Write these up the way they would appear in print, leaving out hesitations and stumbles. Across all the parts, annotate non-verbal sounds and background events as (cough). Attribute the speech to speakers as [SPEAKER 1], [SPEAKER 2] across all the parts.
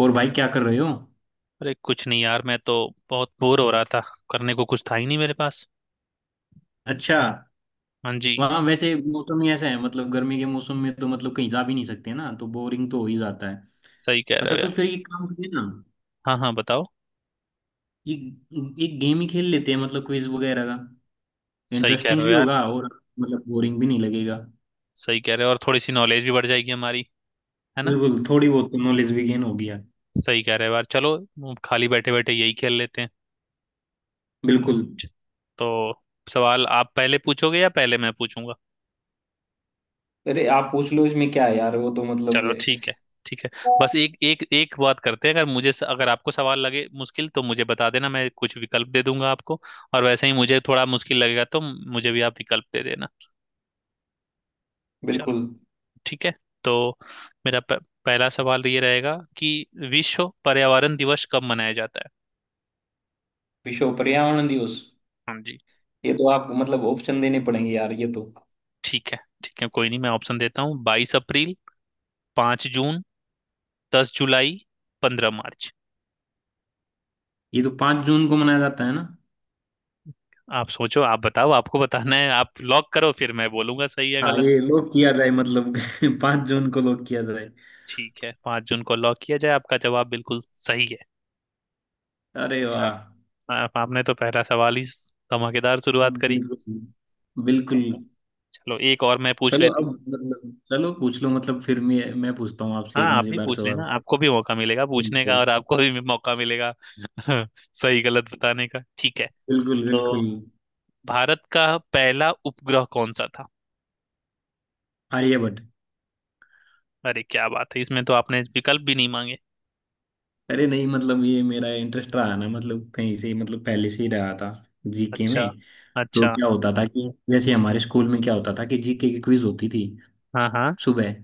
[SPEAKER 1] और भाई क्या कर रहे हो?
[SPEAKER 2] अरे कुछ नहीं यार मैं तो बहुत बोर हो रहा था। करने को कुछ था ही नहीं मेरे पास।
[SPEAKER 1] अच्छा।
[SPEAKER 2] हाँ जी।
[SPEAKER 1] वहाँ वैसे मौसम ही ऐसा है मतलब गर्मी के मौसम में तो मतलब कहीं जा भी नहीं सकते ना तो बोरिंग तो हो ही जाता है।
[SPEAKER 2] सही कह रहे
[SPEAKER 1] अच्छा
[SPEAKER 2] हो
[SPEAKER 1] तो
[SPEAKER 2] यार।
[SPEAKER 1] फिर ये काम करिए ना।
[SPEAKER 2] हाँ हाँ बताओ।
[SPEAKER 1] ये एक गेम ही खेल लेते हैं मतलब क्विज वगैरह का।
[SPEAKER 2] सही कह रहे
[SPEAKER 1] इंटरेस्टिंग
[SPEAKER 2] हो
[SPEAKER 1] भी
[SPEAKER 2] यार।
[SPEAKER 1] होगा और मतलब बोरिंग भी नहीं लगेगा।
[SPEAKER 2] सही कह रहे हो और थोड़ी सी नॉलेज भी बढ़ जाएगी हमारी, है ना।
[SPEAKER 1] बिल्कुल, थोड़ी बहुत तो नॉलेज भी गेन हो गया।
[SPEAKER 2] सही कह रहे हो यार, चलो हम खाली बैठे बैठे यही खेल लेते हैं।
[SPEAKER 1] बिल्कुल।
[SPEAKER 2] तो सवाल आप पहले पूछोगे या पहले मैं पूछूंगा।
[SPEAKER 1] अरे आप पूछ लो इसमें क्या है यार वो तो मतलब।
[SPEAKER 2] चलो ठीक है, ठीक है। बस एक एक एक बात करते हैं, अगर आपको सवाल लगे मुश्किल तो मुझे बता देना, मैं कुछ विकल्प दे दूंगा आपको। और वैसे ही मुझे थोड़ा मुश्किल लगेगा तो मुझे भी आप विकल्प दे देना। चलो
[SPEAKER 1] बिल्कुल।
[SPEAKER 2] ठीक है। तो मेरा प- पहला सवाल ये रहेगा कि विश्व पर्यावरण दिवस कब मनाया जाता है।
[SPEAKER 1] विश्व पर्यावरण दिवस।
[SPEAKER 2] हाँ जी।
[SPEAKER 1] ये तो आप मतलब ऑप्शन देने पड़ेंगे यार ये तो।
[SPEAKER 2] ठीक है, ठीक है, कोई नहीं, मैं ऑप्शन देता हूँ। बाईस अप्रैल, पाँच जून, दस जुलाई, पंद्रह मार्च।
[SPEAKER 1] ये तो 5 जून को मनाया जाता है ना?
[SPEAKER 2] आप सोचो, आप बताओ, आपको बताना है, आप लॉक करो, फिर मैं बोलूंगा सही है
[SPEAKER 1] हाँ,
[SPEAKER 2] गलत।
[SPEAKER 1] ये लोग किया जाए मतलब। (laughs) 5 जून को लोग किया जाए।
[SPEAKER 2] ठीक है, पाँच जून को लॉक किया जाए। आपका जवाब बिल्कुल सही है।
[SPEAKER 1] अरे वाह।
[SPEAKER 2] चलो, आपने तो पहला सवाल ही धमाकेदार शुरुआत करी।
[SPEAKER 1] बिल्कुल। बिल्कुल।
[SPEAKER 2] चलो एक और मैं पूछ
[SPEAKER 1] चलो अब
[SPEAKER 2] लेता।
[SPEAKER 1] मतलब, चलो पूछ लो मतलब फिर मैं पूछता हूँ आपसे
[SPEAKER 2] हाँ
[SPEAKER 1] एक
[SPEAKER 2] आप भी
[SPEAKER 1] मजेदार
[SPEAKER 2] पूछ लेना,
[SPEAKER 1] सवाल।
[SPEAKER 2] आपको भी मौका मिलेगा पूछने का,
[SPEAKER 1] बिल्कुल।
[SPEAKER 2] और आपको भी मौका मिलेगा। (laughs) सही गलत बताने का, ठीक है।
[SPEAKER 1] बिल्कुल।
[SPEAKER 2] तो
[SPEAKER 1] बिल्कुल।
[SPEAKER 2] भारत का पहला उपग्रह कौन सा था।
[SPEAKER 1] आर्यभट्ट।
[SPEAKER 2] अरे क्या बात है, इसमें तो आपने विकल्प भी नहीं मांगे।
[SPEAKER 1] अरे नहीं मतलब ये मेरा इंटरेस्ट रहा ना मतलब कहीं से मतलब पहले से ही रहा था, जीके
[SPEAKER 2] अच्छा,
[SPEAKER 1] में। तो
[SPEAKER 2] अच्छा।
[SPEAKER 1] क्या होता था कि जैसे हमारे स्कूल में क्या होता था कि जीके की क्विज होती थी
[SPEAKER 2] हाँ हाँ।
[SPEAKER 1] सुबह,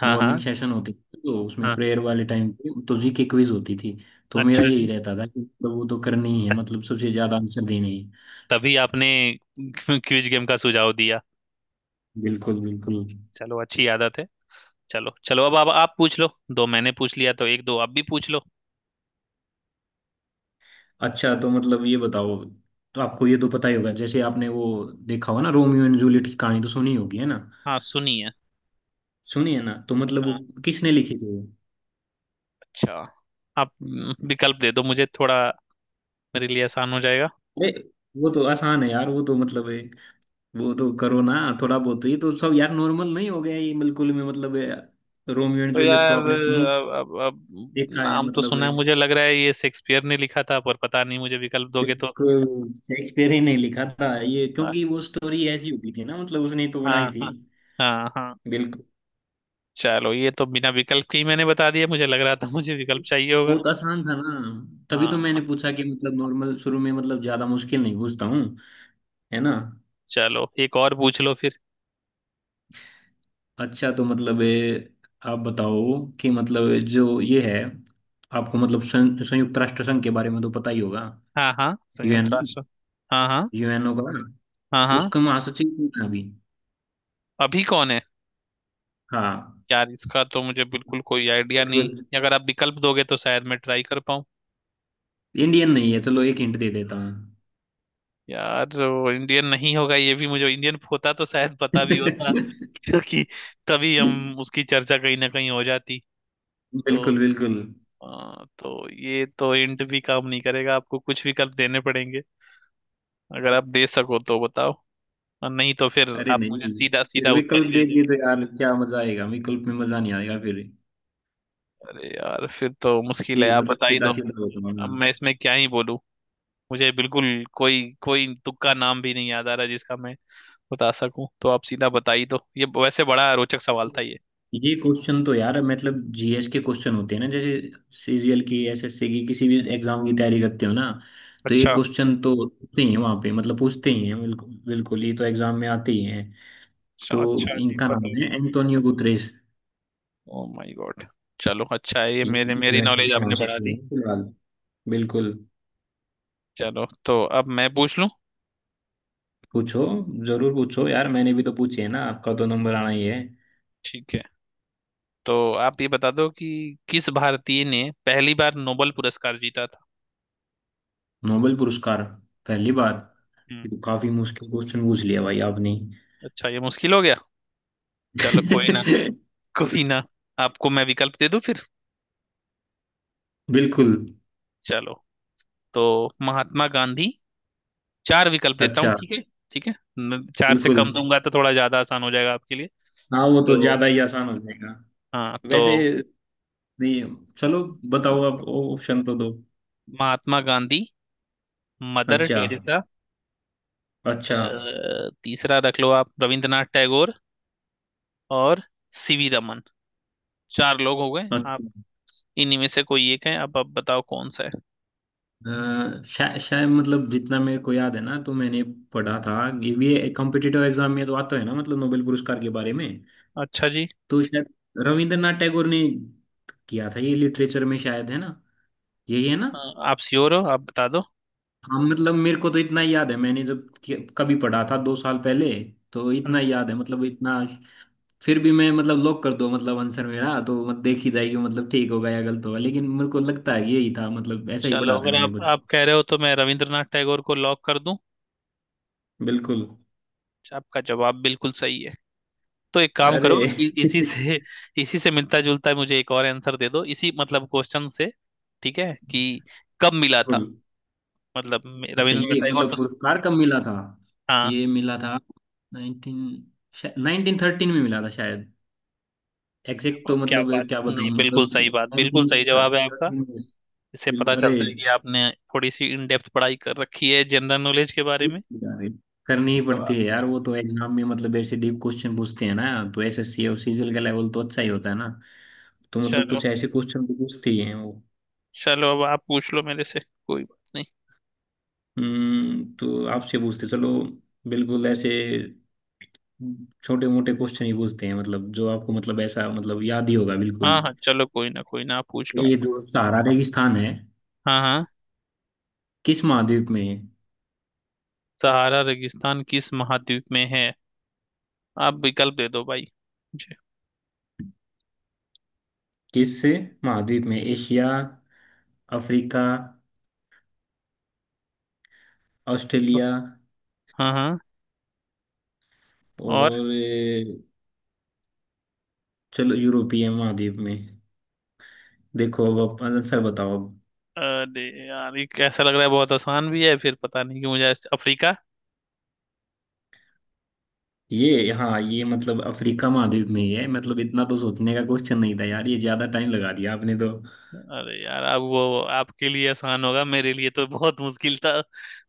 [SPEAKER 2] हाँ
[SPEAKER 1] मॉर्निंग
[SPEAKER 2] हाँ।
[SPEAKER 1] सेशन होती थी तो उसमें
[SPEAKER 2] हाँ।
[SPEAKER 1] प्रेयर वाले टाइम पे तो जी के क्विज होती थी। तो मेरा
[SPEAKER 2] अच्छा
[SPEAKER 1] यही
[SPEAKER 2] जी।
[SPEAKER 1] रहता था कि मतलब वो तो करनी ही है
[SPEAKER 2] त-
[SPEAKER 1] मतलब सबसे ज्यादा आंसर देने हैं।
[SPEAKER 2] तभी आपने क्विज गेम का सुझाव दिया।
[SPEAKER 1] बिल्कुल बिल्कुल।
[SPEAKER 2] चलो अच्छी आदत है। चलो चलो, अब आप पूछ लो। दो मैंने पूछ लिया तो एक दो आप भी पूछ लो।
[SPEAKER 1] अच्छा तो मतलब ये बताओ, तो आपको ये तो पता ही होगा जैसे आपने वो देखा होगा ना, रोमियो एंड जूलियट की कहानी तो सुनी होगी है ना?
[SPEAKER 2] हाँ सुनिए।
[SPEAKER 1] सुनी है ना, तो मतलब वो
[SPEAKER 2] हाँ।
[SPEAKER 1] किसने लिखी थी वो?
[SPEAKER 2] अच्छा। आप विकल्प दे दो मुझे थोड़ा, मेरे लिए आसान हो जाएगा।
[SPEAKER 1] अरे वो तो आसान है यार वो तो मतलब है, वो तो करो ना। थोड़ा बहुत तो। ये तो सब यार नॉर्मल नहीं हो गया ये बिल्कुल में मतलब है, रोमियो एंड
[SPEAKER 2] तो
[SPEAKER 1] जूलियट तो
[SPEAKER 2] यार
[SPEAKER 1] आपने
[SPEAKER 2] अब
[SPEAKER 1] देखा है
[SPEAKER 2] नाम तो
[SPEAKER 1] मतलब।
[SPEAKER 2] सुना है, मुझे लग रहा है ये शेक्सपियर ने लिखा था, पर पता नहीं, मुझे विकल्प दोगे तो।
[SPEAKER 1] बिल्कुल शेक्सपियर ही ने लिखा था ये
[SPEAKER 2] हाँ
[SPEAKER 1] क्योंकि वो स्टोरी ऐसी होती थी ना मतलब उसने तो
[SPEAKER 2] हाँ
[SPEAKER 1] बनाई थी।
[SPEAKER 2] हाँ। हाँ हाँ।
[SPEAKER 1] बिल्कुल।
[SPEAKER 2] चलो ये तो बिना विकल्प के ही मैंने बता दिया, मुझे लग रहा था मुझे विकल्प चाहिए होगा।
[SPEAKER 1] बहुत आसान था ना? तभी तो मैंने
[SPEAKER 2] हाँ।
[SPEAKER 1] पूछा कि मतलब नॉर्मल शुरू में मतलब ज्यादा मुश्किल नहीं पूछता हूँ, है ना?
[SPEAKER 2] चलो एक और पूछ लो फिर।
[SPEAKER 1] अच्छा तो मतलब आप बताओ कि मतलब जो ये है, आपको मतलब संयुक्त राष्ट्र संघ के बारे में तो पता ही होगा,
[SPEAKER 2] हाँ हाँ, संयुक्त
[SPEAKER 1] यूएन,
[SPEAKER 2] राष्ट्र। हाँ हाँ।
[SPEAKER 1] यूएनओ का।
[SPEAKER 2] हाँ
[SPEAKER 1] तो
[SPEAKER 2] हाँ।
[SPEAKER 1] उसका महासचिव कौन है अभी?
[SPEAKER 2] अभी कौन है।
[SPEAKER 1] हाँ।
[SPEAKER 2] यार इसका तो मुझे बिल्कुल कोई आइडिया नहीं।
[SPEAKER 1] बिल्कुल।
[SPEAKER 2] अगर आप विकल्प दोगे तो शायद मैं ट्राई कर पाऊँ।
[SPEAKER 1] इंडियन नहीं है चलो एक हिंट दे देता हूँ।
[SPEAKER 2] यार जो इंडियन नहीं होगा, ये भी मुझे इंडियन होता तो शायद पता भी होता। (laughs) क्योंकि तभी
[SPEAKER 1] बिल्कुल।
[SPEAKER 2] हम उसकी चर्चा कहीं ना कहीं हो जाती।
[SPEAKER 1] बिल्कुल।
[SPEAKER 2] तो तो ये तो इंट भी काम नहीं करेगा, आपको कुछ विकल्प देने पड़ेंगे। अगर आप दे सको तो बताओ, और नहीं तो फिर
[SPEAKER 1] अरे
[SPEAKER 2] आप मुझे
[SPEAKER 1] नहीं,
[SPEAKER 2] सीधा सीधा
[SPEAKER 1] फिर
[SPEAKER 2] उत्तर ही
[SPEAKER 1] विकल्प
[SPEAKER 2] दे दे।
[SPEAKER 1] देंगे तो यार क्या मजा आएगा, विकल्प में मजा नहीं आएगा फिर।
[SPEAKER 2] अरे यार फिर तो मुश्किल है,
[SPEAKER 1] ये
[SPEAKER 2] आप
[SPEAKER 1] मतलब
[SPEAKER 2] बता ही दो।
[SPEAKER 1] सीधा सीधा होता है
[SPEAKER 2] अब
[SPEAKER 1] हाँ।
[SPEAKER 2] मैं इसमें क्या ही बोलूं, मुझे बिल्कुल कोई कोई तुक्का नाम भी नहीं याद आ रहा जिसका मैं बता सकूं, तो आप सीधा बता ही दो। ये वैसे बड़ा रोचक सवाल था ये।
[SPEAKER 1] ये क्वेश्चन तो यार मतलब जीएस के क्वेश्चन होते हैं ना, जैसे सीजीएल की, एसएससी की, किसी भी एग्जाम की तैयारी करते हो ना, तो ये
[SPEAKER 2] अच्छा,
[SPEAKER 1] क्वेश्चन तो होते ही हैं वहाँ पे, मतलब पूछते ही हैं, बिल्कुल बिल्कुल ये तो एग्जाम में आते ही हैं।
[SPEAKER 2] अच्छा
[SPEAKER 1] तो
[SPEAKER 2] अच्छा जी,
[SPEAKER 1] इनका नाम
[SPEAKER 2] पता।
[SPEAKER 1] है Antonio Guterres.
[SPEAKER 2] Oh my god. चलो अच्छा है, ये
[SPEAKER 1] ये
[SPEAKER 2] मेरे मेरी
[SPEAKER 1] यूएन
[SPEAKER 2] नॉलेज
[SPEAKER 1] के
[SPEAKER 2] आपने बढ़ा
[SPEAKER 1] महासचिव हैं
[SPEAKER 2] दी।
[SPEAKER 1] फिलहाल। बिल्कुल।
[SPEAKER 2] चलो तो अब मैं पूछ लूं।
[SPEAKER 1] पूछो, जरूर पूछो यार मैंने भी तो पूछी है ना, आपका तो नंबर आना ही है।
[SPEAKER 2] ठीक है। तो आप ये बता दो कि किस भारतीय ने पहली बार नोबेल पुरस्कार जीता था।
[SPEAKER 1] नोबेल पुरस्कार, पहली
[SPEAKER 2] हाँ।
[SPEAKER 1] बार,
[SPEAKER 2] हम्म,
[SPEAKER 1] ये तो काफी मुश्किल क्वेश्चन पूछ लिया भाई आपने।
[SPEAKER 2] अच्छा, ये मुश्किल हो गया। चलो कोई ना
[SPEAKER 1] (laughs)
[SPEAKER 2] कोई ना, आपको मैं विकल्प दे दूं फिर।
[SPEAKER 1] बिल्कुल।
[SPEAKER 2] चलो। तो महात्मा गांधी, चार विकल्प देता हूँ,
[SPEAKER 1] अच्छा।
[SPEAKER 2] ठीक है। ठीक है, चार से
[SPEAKER 1] बिल्कुल।
[SPEAKER 2] कम दूंगा तो थोड़ा ज्यादा आसान हो जाएगा आपके लिए।
[SPEAKER 1] हाँ वो
[SPEAKER 2] तो
[SPEAKER 1] तो ज्यादा ही आसान हो जाएगा।
[SPEAKER 2] हाँ
[SPEAKER 1] वैसे,
[SPEAKER 2] तो
[SPEAKER 1] नहीं, चलो बताओ, आप ऑप्शन तो दो।
[SPEAKER 2] महात्मा गांधी, मदर
[SPEAKER 1] अच्छा।
[SPEAKER 2] टेरेसा,
[SPEAKER 1] अच्छा।
[SPEAKER 2] तीसरा रख लो आप रविंद्रनाथ टैगोर, और सीवी रमन। चार लोग हो गए आप,
[SPEAKER 1] अच्छा।
[SPEAKER 2] इन्हीं में से कोई एक है, अब आप बताओ कौन सा है।
[SPEAKER 1] शायद मतलब जितना मेरे को याद है ना तो मैंने पढ़ा था कि ये कॉम्पिटिटिव एग्जाम में तो आता है ना मतलब नोबेल पुरस्कार के बारे में।
[SPEAKER 2] अच्छा जी।
[SPEAKER 1] तो शायद रविंद्रनाथ टैगोर ने किया था ये, लिटरेचर में शायद, है ना? यही है ना?
[SPEAKER 2] अ, आप श्योर हो, आप बता दो।
[SPEAKER 1] हाँ मतलब मेरे को तो इतना याद है, मैंने जब कभी पढ़ा था 2 साल पहले, तो
[SPEAKER 2] हाँ
[SPEAKER 1] इतना
[SPEAKER 2] जी।
[SPEAKER 1] याद है मतलब इतना। फिर भी मैं मतलब लॉक कर दो, मतलब आंसर मेरा तो मत देखी जाएगी मतलब ठीक होगा या गलत होगा, लेकिन मेरे को लगता है यही था मतलब ऐसा ही
[SPEAKER 2] चलो
[SPEAKER 1] पढ़ा था
[SPEAKER 2] अगर
[SPEAKER 1] मैंने
[SPEAKER 2] आप
[SPEAKER 1] कुछ।
[SPEAKER 2] आप कह रहे हो तो मैं रविंद्रनाथ टैगोर को लॉक कर दूं।
[SPEAKER 1] बिल्कुल।
[SPEAKER 2] आपका जवाब बिल्कुल सही है। तो एक काम करो,
[SPEAKER 1] अरे।
[SPEAKER 2] इसी
[SPEAKER 1] (laughs)
[SPEAKER 2] से, इसी से मिलता जुलता मुझे एक और आंसर दे दो इसी मतलब क्वेश्चन से। ठीक है, कि कब मिला था।
[SPEAKER 1] बिल्कुल।
[SPEAKER 2] मतलब
[SPEAKER 1] अच्छा
[SPEAKER 2] रविंद्रनाथ
[SPEAKER 1] ये
[SPEAKER 2] टैगोर
[SPEAKER 1] मतलब
[SPEAKER 2] तो।
[SPEAKER 1] पुरस्कार कब मिला था?
[SPEAKER 2] हाँ।
[SPEAKER 1] ये मिला था नाइनटीन नाइनटीन थर्टीन में मिला था शायद। एग्जैक्ट
[SPEAKER 2] और
[SPEAKER 1] तो
[SPEAKER 2] क्या
[SPEAKER 1] मतलब
[SPEAKER 2] बात,
[SPEAKER 1] क्या
[SPEAKER 2] नहीं
[SPEAKER 1] बताऊं,
[SPEAKER 2] बिल्कुल सही
[SPEAKER 1] मतलब
[SPEAKER 2] बात, बिल्कुल सही जवाब है आपका।
[SPEAKER 1] 1913 में।
[SPEAKER 2] इससे पता
[SPEAKER 1] बिल्कुल। अरे।
[SPEAKER 2] चलता है कि आपने थोड़ी सी इन डेप्थ पढ़ाई कर रखी है जनरल नॉलेज के बारे में।
[SPEAKER 1] अरे, करनी ही
[SPEAKER 2] तो
[SPEAKER 1] पड़ती है यार वो तो, एग्जाम में मतलब ऐसे डीप क्वेश्चन पूछते हैं ना, तो एसएससी और सीजीएल का लेवल तो अच्छा ही होता है ना, तो मतलब
[SPEAKER 2] चलो
[SPEAKER 1] कुछ ऐसे क्वेश्चन तो पूछते ही हैं वो।
[SPEAKER 2] चलो अब आप पूछ लो मेरे से, कोई बात नहीं।
[SPEAKER 1] तो आपसे पूछते चलो, बिल्कुल ऐसे छोटे मोटे क्वेश्चन ही पूछते हैं मतलब जो आपको मतलब ऐसा मतलब याद ही होगा बिल्कुल ही।
[SPEAKER 2] हाँ हाँ चलो, कोई ना कोई ना, आप पूछ लो।
[SPEAKER 1] ये जो सहारा रेगिस्तान है,
[SPEAKER 2] हाँ हाँ।
[SPEAKER 1] किस महाद्वीप में है?
[SPEAKER 2] सहारा रेगिस्तान किस महाद्वीप में है। आप विकल्प दे दो भाई मुझे।
[SPEAKER 1] किस महाद्वीप में, एशिया, अफ्रीका,
[SPEAKER 2] ब-
[SPEAKER 1] ऑस्ट्रेलिया,
[SPEAKER 2] हाँ हाँ। और।
[SPEAKER 1] और चलो यूरोपीय महाद्वीप में। देखो अब आप आंसर बताओ अब।
[SPEAKER 2] अरे यार ये कैसा लग रहा है, बहुत आसान भी है, फिर पता नहीं, कि मुझे अफ्रीका।
[SPEAKER 1] ये हाँ ये मतलब अफ्रीका महाद्वीप में ही है, मतलब इतना तो सोचने का क्वेश्चन नहीं था यार ये, ज्यादा टाइम लगा दिया आपने तो।
[SPEAKER 2] अरे यार अब वो आपके लिए आसान होगा, मेरे लिए तो बहुत मुश्किल था।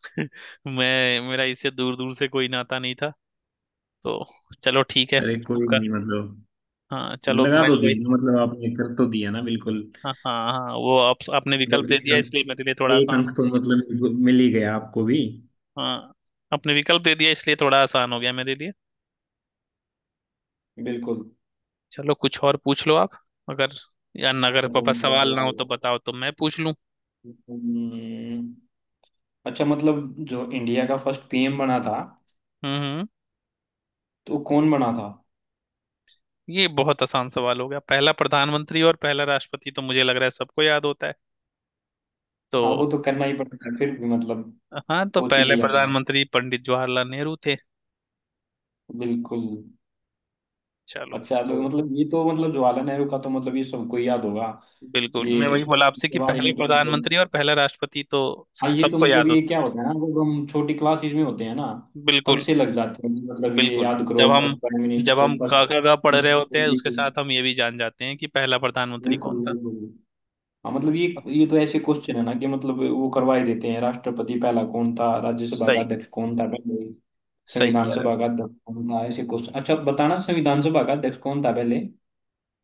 [SPEAKER 2] (laughs) मैं, मेरा इससे दूर दूर से कोई नाता नहीं था। तो चलो ठीक है।
[SPEAKER 1] अरे
[SPEAKER 2] तू
[SPEAKER 1] कोई
[SPEAKER 2] कर।
[SPEAKER 1] नहीं मतलब,
[SPEAKER 2] हाँ चलो
[SPEAKER 1] लगा
[SPEAKER 2] मैं
[SPEAKER 1] तो
[SPEAKER 2] वही।
[SPEAKER 1] दिया मतलब, आपने कर तो दिया ना बिल्कुल।
[SPEAKER 2] हाँ हाँ हाँ, आपने
[SPEAKER 1] मतलब
[SPEAKER 2] विकल्प दे
[SPEAKER 1] एक
[SPEAKER 2] दिया इसलिए
[SPEAKER 1] अंक,
[SPEAKER 2] मेरे लिए थोड़ा
[SPEAKER 1] एक
[SPEAKER 2] आसान
[SPEAKER 1] अंक
[SPEAKER 2] हो
[SPEAKER 1] तो मतलब मिल ही गया आपको भी।
[SPEAKER 2] गया। हाँ आपने विकल्प दे दिया इसलिए थोड़ा आसान हो गया मेरे लिए।
[SPEAKER 1] बिल्कुल।
[SPEAKER 2] चलो कुछ और पूछ लो आप, अगर, अगर
[SPEAKER 1] तो
[SPEAKER 2] पापा
[SPEAKER 1] मतलब
[SPEAKER 2] सवाल ना हो तो बताओ, तो मैं पूछ लूं।
[SPEAKER 1] हम्म, अच्छा मतलब जो इंडिया का फर्स्ट पीएम बना था,
[SPEAKER 2] हम्म हम्म,
[SPEAKER 1] तो वो कौन बना था?
[SPEAKER 2] ये बहुत आसान सवाल हो गया, पहला प्रधानमंत्री और पहला राष्ट्रपति तो मुझे लग रहा है सबको याद होता है। तो
[SPEAKER 1] हाँ वो तो करना ही पड़ता है, फिर भी मतलब
[SPEAKER 2] हाँ, तो
[SPEAKER 1] सोच ही
[SPEAKER 2] पहले
[SPEAKER 1] लिया मैंने।
[SPEAKER 2] प्रधानमंत्री पंडित जवाहरलाल नेहरू थे।
[SPEAKER 1] बिल्कुल।
[SPEAKER 2] चलो।
[SPEAKER 1] अच्छा
[SPEAKER 2] तो
[SPEAKER 1] तो मतलब ये तो मतलब जवाहरलाल नेहरू का तो मतलब ये सबको याद होगा।
[SPEAKER 2] बिल्कुल
[SPEAKER 1] ये
[SPEAKER 2] मैं वही बोला आपसे
[SPEAKER 1] इसके
[SPEAKER 2] कि
[SPEAKER 1] बारे
[SPEAKER 2] पहला
[SPEAKER 1] में तो
[SPEAKER 2] प्रधानमंत्री
[SPEAKER 1] मतलब,
[SPEAKER 2] और पहला राष्ट्रपति तो
[SPEAKER 1] हाँ ये तो
[SPEAKER 2] सबको
[SPEAKER 1] मतलब,
[SPEAKER 2] याद
[SPEAKER 1] ये
[SPEAKER 2] होता।
[SPEAKER 1] क्या होता है ना जब हम छोटी क्लासेस में होते हैं ना, तब
[SPEAKER 2] बिल्कुल
[SPEAKER 1] से लग जाते हैं कि मतलब ये
[SPEAKER 2] बिल्कुल।
[SPEAKER 1] याद
[SPEAKER 2] जब
[SPEAKER 1] करो,
[SPEAKER 2] हम
[SPEAKER 1] फर्स्ट प्राइम
[SPEAKER 2] जब
[SPEAKER 1] मिनिस्टर,
[SPEAKER 2] हम का
[SPEAKER 1] फर्स्ट,
[SPEAKER 2] का का पढ़ रहे
[SPEAKER 1] फर्स्ट
[SPEAKER 2] होते हैं,
[SPEAKER 1] लेडी।
[SPEAKER 2] उसके साथ हम ये भी जान जाते हैं कि पहला प्रधानमंत्री कौन
[SPEAKER 1] बिल्कुल
[SPEAKER 2] था।
[SPEAKER 1] बिल्कुल। हाँ मतलब ये तो ऐसे क्वेश्चन है ना कि मतलब वो करवा ही देते हैं, राष्ट्रपति पहला कौन था, राज्यसभा का
[SPEAKER 2] सही।
[SPEAKER 1] अध्यक्ष कौन था पहले,
[SPEAKER 2] सही
[SPEAKER 1] संविधान
[SPEAKER 2] कह रहे हो।
[SPEAKER 1] सभा का अध्यक्ष कौन था, ऐसे क्वेश्चन। अच्छा बताना, संविधान सभा का अध्यक्ष कौन था पहले?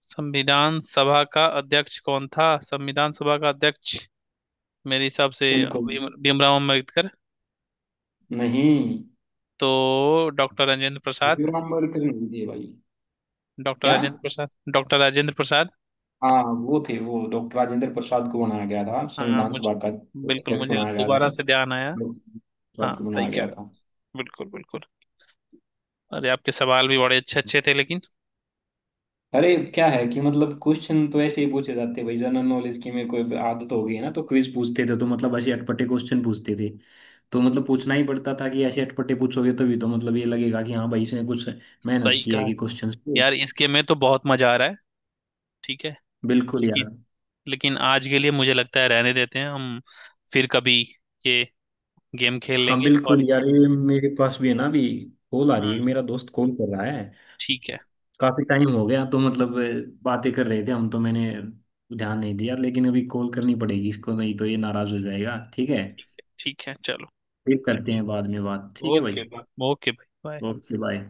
[SPEAKER 2] संविधान सभा का अध्यक्ष कौन था, संविधान सभा का अध्यक्ष, मेरे हिसाब से
[SPEAKER 1] बिल्कुल।
[SPEAKER 2] भीमराव अम्बेडकर,
[SPEAKER 1] नहीं,
[SPEAKER 2] तो डॉक्टर राजेंद्र प्रसाद,
[SPEAKER 1] भीमराव अम्बेडकर नहीं थे भाई।
[SPEAKER 2] डॉक्टर
[SPEAKER 1] क्या,
[SPEAKER 2] राजेंद्र प्रसाद डॉक्टर राजेंद्र प्रसाद
[SPEAKER 1] हाँ वो थे, वो डॉक्टर राजेंद्र प्रसाद को बनाया गया था
[SPEAKER 2] हाँ
[SPEAKER 1] संविधान
[SPEAKER 2] मुझे,
[SPEAKER 1] सभा का
[SPEAKER 2] बिल्कुल
[SPEAKER 1] अध्यक्ष
[SPEAKER 2] मुझे
[SPEAKER 1] बनाया गया था,
[SPEAKER 2] दोबारा से ध्यान आया।
[SPEAKER 1] डॉक्टर
[SPEAKER 2] हाँ
[SPEAKER 1] प्रसाद को
[SPEAKER 2] सही
[SPEAKER 1] बनाया
[SPEAKER 2] कह
[SPEAKER 1] गया
[SPEAKER 2] रहे
[SPEAKER 1] था।
[SPEAKER 2] हो, बिल्कुल बिल्कुल। अरे आपके सवाल भी बड़े अच्छे अच्छे थे, लेकिन
[SPEAKER 1] अरे क्या है कि मतलब क्वेश्चन तो ऐसे ही पूछे जाते हैं भाई, जनरल नॉलेज की मेरे को आदत हो गई है ना, तो क्विज पूछते थे तो मतलब ऐसे अटपटे क्वेश्चन पूछते थे। तो मतलब पूछना ही पड़ता था कि ऐसे अटपटे पूछोगे तभी तो मतलब ये लगेगा कि हाँ भाई इसने कुछ मेहनत
[SPEAKER 2] सही
[SPEAKER 1] की है
[SPEAKER 2] कहा।
[SPEAKER 1] कि क्वेश्चंस पे।
[SPEAKER 2] यार इस गेम में तो बहुत मजा आ रहा है, ठीक है,
[SPEAKER 1] बिल्कुल यार।
[SPEAKER 2] लेकिन लेकिन आज के लिए मुझे लगता है रहने देते हैं हम, फिर कभी ये गेम खेल
[SPEAKER 1] हाँ
[SPEAKER 2] लेंगे।
[SPEAKER 1] बिल्कुल
[SPEAKER 2] और
[SPEAKER 1] यार, ये मेरे पास भी है ना अभी कॉल आ रही है,
[SPEAKER 2] हाँ
[SPEAKER 1] मेरा दोस्त कॉल कर रहा है।
[SPEAKER 2] ठीक है,
[SPEAKER 1] काफी टाइम हो गया तो मतलब बातें कर रहे थे हम तो मैंने ध्यान नहीं दिया, लेकिन अभी कॉल करनी पड़ेगी इसको, नहीं तो ये नाराज हो जाएगा, ठीक है?
[SPEAKER 2] ठीक है, ठीक है चलो।
[SPEAKER 1] फिर करते हैं
[SPEAKER 2] ठीक।
[SPEAKER 1] बाद में बात, ठीक है भाई।
[SPEAKER 2] ओके बाय, ओके भाई, बाय।
[SPEAKER 1] वो किस लायन